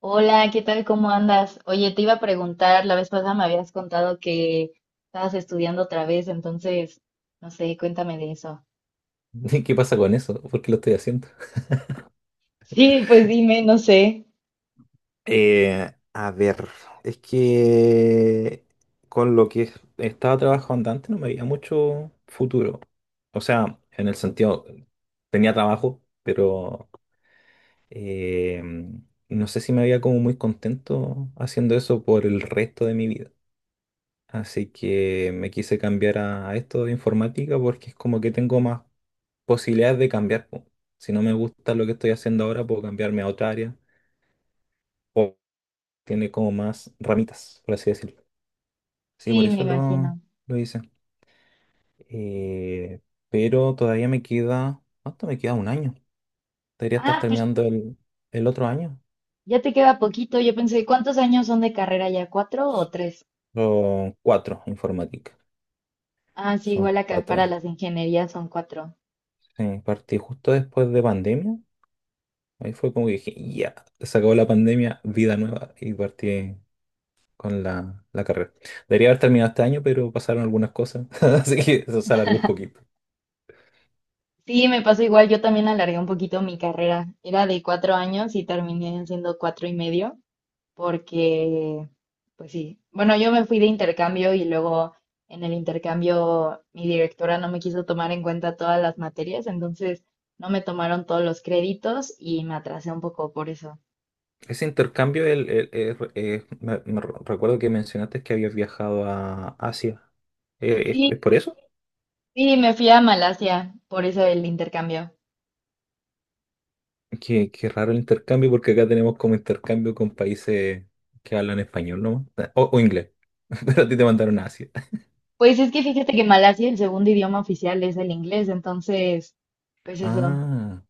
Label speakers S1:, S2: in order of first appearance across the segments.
S1: Hola, ¿qué tal? ¿Cómo andas? Oye, te iba a preguntar, la vez pasada me habías contado que estabas estudiando otra vez, entonces, no sé, cuéntame de eso.
S2: ¿Qué pasa con eso? ¿Por qué lo estoy haciendo?
S1: Sí, pues dime, no sé.
S2: A ver, es que con lo que estaba trabajando antes no me veía mucho futuro. O sea, en el sentido, tenía trabajo, pero eh, no sé si me veía como muy contento haciendo eso por el resto de mi vida. Así que me quise cambiar a esto de informática porque es como que tengo más posibilidades de cambiar po. Si no me gusta lo que estoy haciendo ahora, puedo cambiarme a otra área, tiene como más ramitas, por así decirlo. Sí, por
S1: Sí, me
S2: eso lo,
S1: imagino.
S2: lo hice. Eh, pero todavía me queda, ¿cuánto me queda? Un año. Debería estar
S1: Ah, pues
S2: terminando el otro año.
S1: ya te queda poquito. Yo pensé, ¿cuántos años son de carrera ya? ¿Cuatro o tres?
S2: Son cuatro informática.
S1: Ah, sí,
S2: Son
S1: igual acá para
S2: cuatro.
S1: las ingenierías son cuatro.
S2: Sí, partí justo después de pandemia. Ahí fue como que dije, ya, se acabó la pandemia, vida nueva. Y partí con la carrera. Debería haber terminado este año, pero pasaron algunas cosas. Así que eso se alargó un poquito.
S1: Sí, me pasó igual. Yo también alargué un poquito mi carrera. Era de 4 años y terminé siendo cuatro y medio. Porque, pues sí, bueno, yo me fui de intercambio y luego en el intercambio mi directora no me quiso tomar en cuenta todas las materias, entonces no me tomaron todos los créditos y me atrasé un poco por eso.
S2: Ese intercambio, me recuerdo que mencionaste que habías viajado a Asia. ¿Es
S1: Sí,
S2: por eso?
S1: sí, me fui a Malasia, por eso el intercambio.
S2: Qué raro el intercambio, porque acá tenemos como intercambio con países que hablan español nomás, o inglés, pero a ti te mandaron a Asia.
S1: Pues es que fíjate que Malasia el segundo idioma oficial es el inglés, entonces, pues eso.
S2: Ah,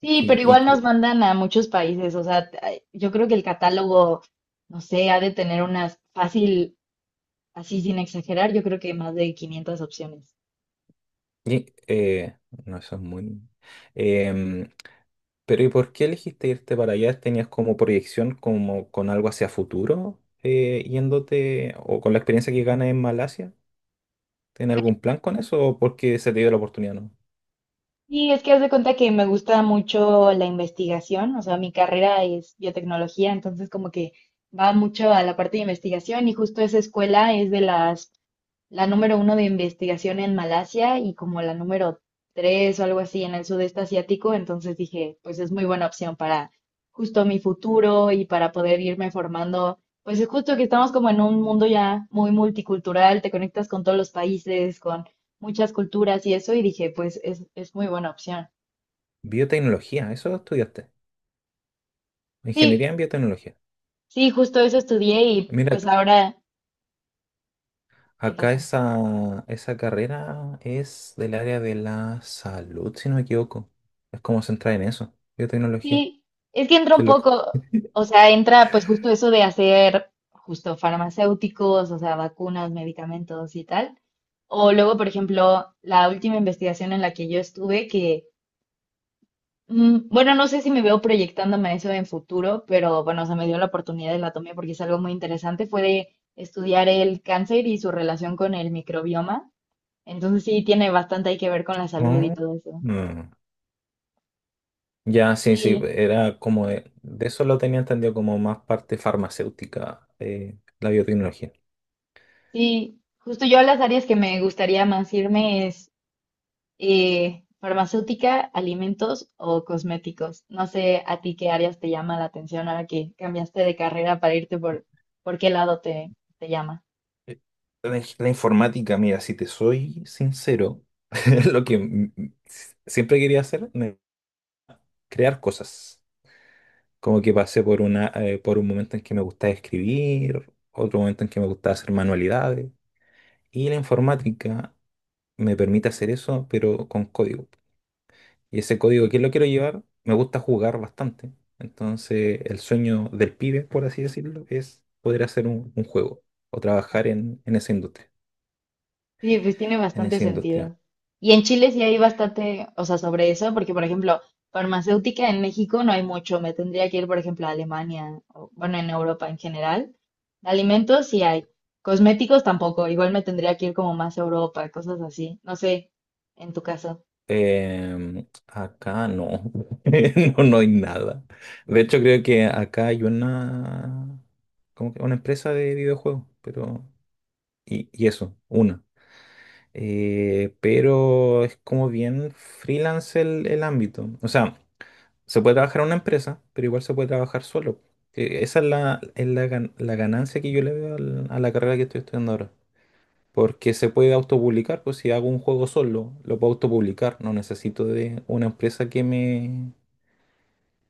S1: Sí,
S2: y,
S1: pero
S2: y,
S1: igual nos
S2: que-
S1: mandan a muchos países, o sea, ay, yo creo que el catálogo, no sé, ha de tener unas fácil. Así sin exagerar, yo creo que más de 500 opciones.
S2: y, eh, no, eso es muy. em, pero ¿y por qué elegiste irte para allá? ¿Tenías como proyección como con algo hacia futuro, yéndote o con la experiencia que ganas en Malasia? ¿Tiene algún plan con eso o porque se te dio la oportunidad, no?
S1: Y es que haz de cuenta que me gusta mucho la investigación, o sea, mi carrera es biotecnología, entonces como que va mucho a la parte de investigación y justo esa escuela es de las, la número uno de investigación en Malasia y como la número tres o algo así en el sudeste asiático, entonces dije, pues es muy buena opción para justo mi futuro y para poder irme formando, pues es justo que estamos como en un mundo ya muy multicultural, te conectas con todos los países, con muchas culturas y eso, y dije, pues es muy buena opción.
S2: Biotecnología, eso estudiaste.
S1: Sí,
S2: Ingeniería en biotecnología.
S1: sí, justo eso estudié y
S2: Mira,
S1: pues ahora, ¿qué
S2: acá
S1: pasa?
S2: esa carrera es del área de la salud, si no me equivoco. Es como centrar en eso, biotecnología.
S1: Sí, es que entra
S2: Qué
S1: un
S2: loco.
S1: poco, o sea, entra pues justo eso de hacer justo farmacéuticos, o sea, vacunas, medicamentos y tal. O luego, por ejemplo, la última investigación en la que yo estuve, que, bueno, no sé si me veo proyectándome a eso en futuro, pero bueno, o sea, me dio la oportunidad y la tomé porque es algo muy interesante, fue de estudiar el cáncer y su relación con el microbioma. Entonces sí, tiene bastante hay que ver con la salud y
S2: Ah,
S1: todo eso.
S2: mm. Ya, sí, sí,
S1: Sí,
S2: era como de eso lo tenía entendido como más parte farmacéutica, la biotecnología.
S1: sí. Justo yo las áreas que me gustaría más irme es farmacéutica, alimentos o cosméticos. No sé a ti qué áreas te llama la atención ahora que cambiaste de carrera para irte por qué lado te, te llama.
S2: Eh, la informática, mira, si te soy sincero, lo que siempre quería hacer, crear cosas. Como que pasé por por un momento en que me gustaba escribir, otro momento en que me gustaba hacer manualidades. Y la informática me permite hacer eso, pero con código. Y ese código,
S1: Sí.
S2: ¿que lo quiero llevar? Me gusta jugar bastante. Entonces, el sueño del pibe, por así decirlo, es poder hacer un juego o trabajar en en esa industria
S1: Sí, pues tiene
S2: en
S1: bastante
S2: esa industria.
S1: sentido. Y en Chile sí hay bastante, o sea, sobre eso, porque por ejemplo, farmacéutica en México no hay mucho. Me tendría que ir, por ejemplo, a Alemania, o bueno, en Europa en general. De alimentos sí hay. Cosméticos tampoco. Igual me tendría que ir como más a Europa, cosas así. No sé, en tu caso.
S2: Acá no. No, no hay nada. De hecho, creo que acá hay una, como que una empresa de videojuegos, pero. Y eso, una. Pero es como bien freelance el ámbito. O sea, se puede trabajar en una empresa, pero igual se puede trabajar solo. Esa es la ganancia que yo le veo a la carrera que estoy estudiando ahora. Porque se puede autopublicar, pues si hago un juego solo, lo puedo autopublicar. No necesito de una empresa que me,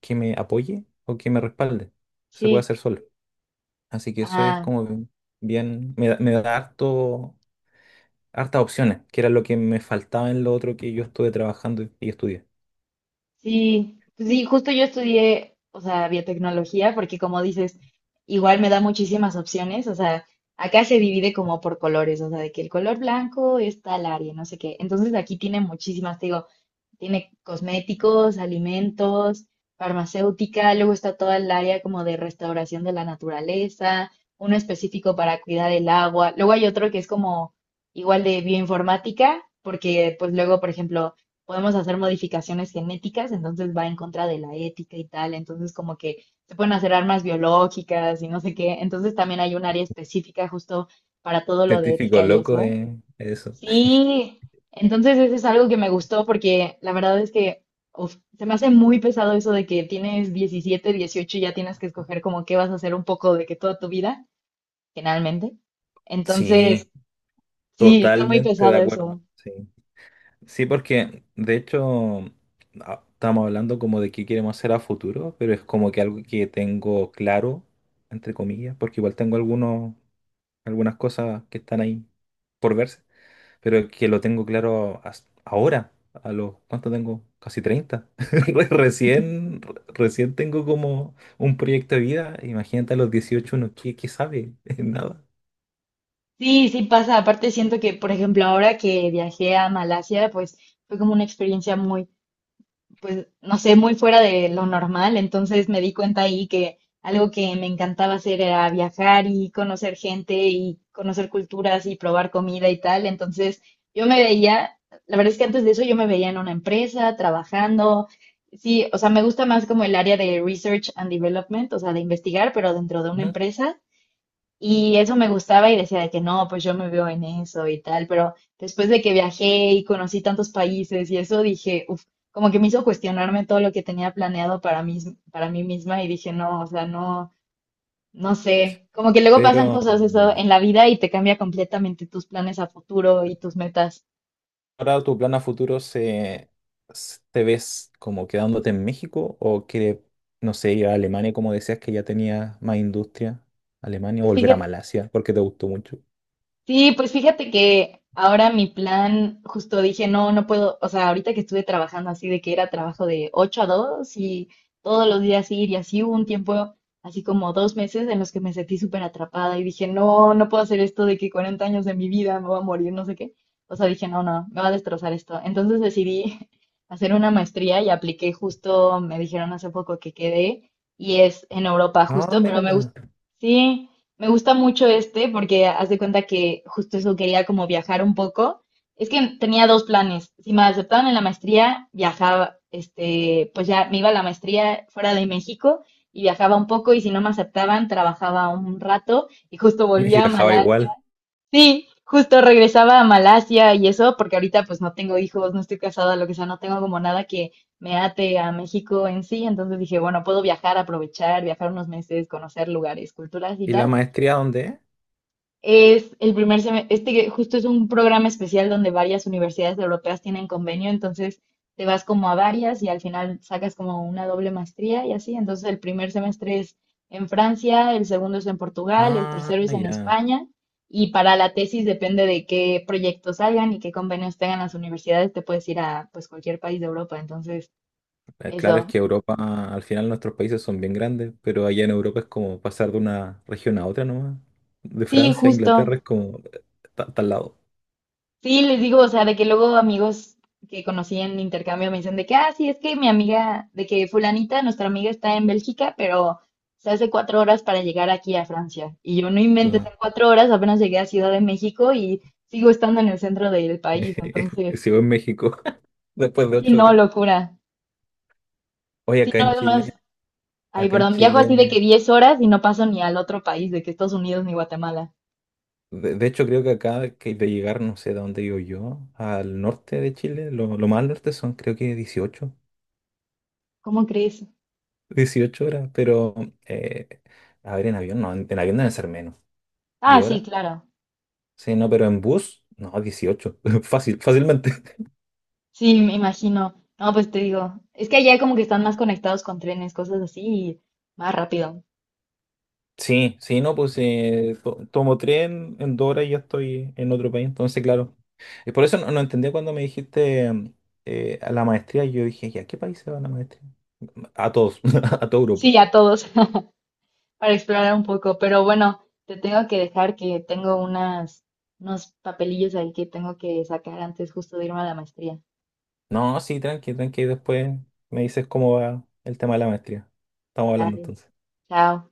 S2: que me apoye o que me respalde. Se puede
S1: Sí.
S2: hacer solo. Así que eso es
S1: Ah.
S2: como me da hartas opciones, que era lo que me faltaba en lo otro que yo estuve trabajando y estudié.
S1: Sí, pues sí, justo yo estudié, o sea, biotecnología, porque como dices, igual me da muchísimas opciones, o sea, acá se divide como por colores, o sea, de que el color blanco es tal área, no sé qué. Entonces aquí tiene muchísimas, te digo, tiene cosméticos, alimentos, farmacéutica, luego está toda el área como de restauración de la naturaleza, uno específico para cuidar el agua, luego hay otro que es como igual de bioinformática, porque pues luego, por ejemplo, podemos hacer modificaciones genéticas, entonces va en contra de la ética y tal, entonces como que se pueden hacer armas biológicas y no sé qué, entonces también hay un área específica justo para todo lo de
S2: Científico
S1: ética y
S2: loco
S1: eso.
S2: es eso.
S1: Sí, entonces eso es algo que me gustó porque la verdad es que uf, se me hace muy pesado eso de que tienes 17, 18 y ya tienes que escoger como qué vas a hacer un poco de que toda tu vida, generalmente.
S2: Sí,
S1: Entonces, sí, está muy
S2: totalmente de
S1: pesado
S2: acuerdo.
S1: eso.
S2: Sí. Sí, porque de hecho estamos hablando como de qué queremos hacer a futuro, pero es como que algo que tengo claro, entre comillas, porque igual tengo algunas cosas que están ahí por verse, pero que lo tengo claro ahora, ¿cuánto tengo? Casi 30. Recién tengo como un proyecto de vida, imagínate a los 18, uno, ¿qué sabe? Nada.
S1: Sí, sí pasa. Aparte siento que, por ejemplo, ahora que viajé a Malasia, pues fue como una experiencia muy pues, no sé, muy fuera de lo normal. Entonces me di cuenta ahí que algo que me encantaba hacer era viajar y conocer gente y conocer culturas y probar comida y tal. Entonces yo me veía, la verdad es que antes de eso yo me veía en una empresa trabajando. Sí, o sea, me gusta más como el área de research and development, o sea, de investigar, pero dentro de una
S2: ¿No?
S1: empresa. Y eso me gustaba y decía de que no, pues yo me veo en eso y tal, pero después de que viajé y conocí tantos países y eso dije, uff, como que me hizo cuestionarme todo lo que tenía planeado para mí misma y dije, no, o sea, no, no sé, como que luego pasan
S2: Pero,
S1: cosas eso en la vida y te cambia completamente tus planes a futuro y tus metas.
S2: ahora tu plan a futuro ¿te ves como quedándote en México o quieres, no sé, ir a Alemania como decías que ya tenía más industria? Alemania o
S1: Pues
S2: volver a
S1: fíjate.
S2: Malasia porque te gustó mucho.
S1: Sí, pues fíjate que ahora mi plan, justo dije, no, no puedo, o sea, ahorita que estuve trabajando así de que era trabajo de 8 a 2 y todos los días ir y así hubo un tiempo, así como 2 meses en los que me sentí súper atrapada y dije, no, no puedo hacer esto de que 40 años de mi vida me voy a morir, no sé qué. O sea, dije, no, no, me va a destrozar esto. Entonces decidí hacer una maestría y apliqué justo, me dijeron hace poco que quedé y es en Europa
S2: No,
S1: justo, pero me
S2: mira.
S1: gusta. Sí, me gusta mucho este porque haz de cuenta que justo eso quería como viajar un poco. Es que tenía dos planes. Si me aceptaban en la maestría, viajaba, este, pues ya me iba a la maestría fuera de México y viajaba un poco y si no me aceptaban, trabajaba un rato y justo
S2: Y
S1: volvía a
S2: viajaba
S1: Malasia.
S2: igual.
S1: Sí, justo regresaba a Malasia y eso porque ahorita pues no tengo hijos, no estoy casada, lo que sea, no tengo como nada que me ate a México en sí. Entonces dije, bueno, puedo viajar, aprovechar, viajar unos meses, conocer lugares, culturas y
S2: ¿Y la
S1: tal.
S2: maestría dónde es?
S1: Es el primer semestre, este que justo es un programa especial donde varias universidades europeas tienen convenio, entonces te vas como a varias y al final sacas como una doble maestría y así. Entonces el primer semestre es en Francia, el segundo es en Portugal, el
S2: Ah,
S1: tercero es en
S2: ya.
S1: España y para la tesis depende de qué proyectos salgan y qué convenios tengan las universidades, te puedes ir a pues cualquier país de Europa. Entonces,
S2: Claro, es
S1: eso.
S2: que Europa, al final nuestros países son bien grandes, pero allá en Europa es como pasar de una región a otra nomás. De
S1: Sí,
S2: Francia a Inglaterra es
S1: justo.
S2: como, está lado.
S1: Sí, les digo, o sea, de que luego amigos que conocí en intercambio me dicen de que, ah, sí, es que mi amiga, de que fulanita, nuestra amiga está en Bélgica, pero se hace 4 horas para llegar aquí a Francia. Y yo no inventes, en
S2: Claro.
S1: 4 horas apenas llegué a Ciudad de México y sigo estando en el centro del país. Entonces,
S2: Sigo en México después de
S1: sí,
S2: 8
S1: no,
S2: horas.
S1: locura.
S2: Oye,
S1: Sí,
S2: acá
S1: no,
S2: en
S1: es más,
S2: Chile,
S1: ay,
S2: acá en
S1: perdón, viajo así de
S2: Chile,
S1: que 10 horas y no paso ni al otro país, de que Estados Unidos ni Guatemala.
S2: de hecho creo que acá que de llegar, no sé de dónde vivo yo, al norte de Chile, lo más al norte son creo que 18,
S1: ¿Cómo crees?
S2: 18 horas, pero eh, a ver, en avión no, en avión deben ser menos,
S1: Ah,
S2: 10
S1: sí,
S2: horas,
S1: claro.
S2: sí, no, pero en bus, no, 18, fácil, fácilmente.
S1: Sí, me imagino. No, pues te digo, es que allá como que están más conectados con trenes, cosas así, y más rápido.
S2: Sí, sí, no, pues tomo tren en 2 horas y ya estoy en otro país, entonces claro. Y por eso no entendía cuando me dijiste a la maestría, yo dije, ¿y a qué país se va la maestría? A todos, a todo grupo.
S1: Sí, a todos, para explorar un poco. Pero bueno, te tengo que dejar que tengo unas, unos papelillos ahí que tengo que sacar antes justo de irme a la maestría.
S2: No, sí, tranqui, tranqui. Después me dices cómo va el tema de la maestría. Estamos hablando
S1: Dale,
S2: entonces.
S1: chao.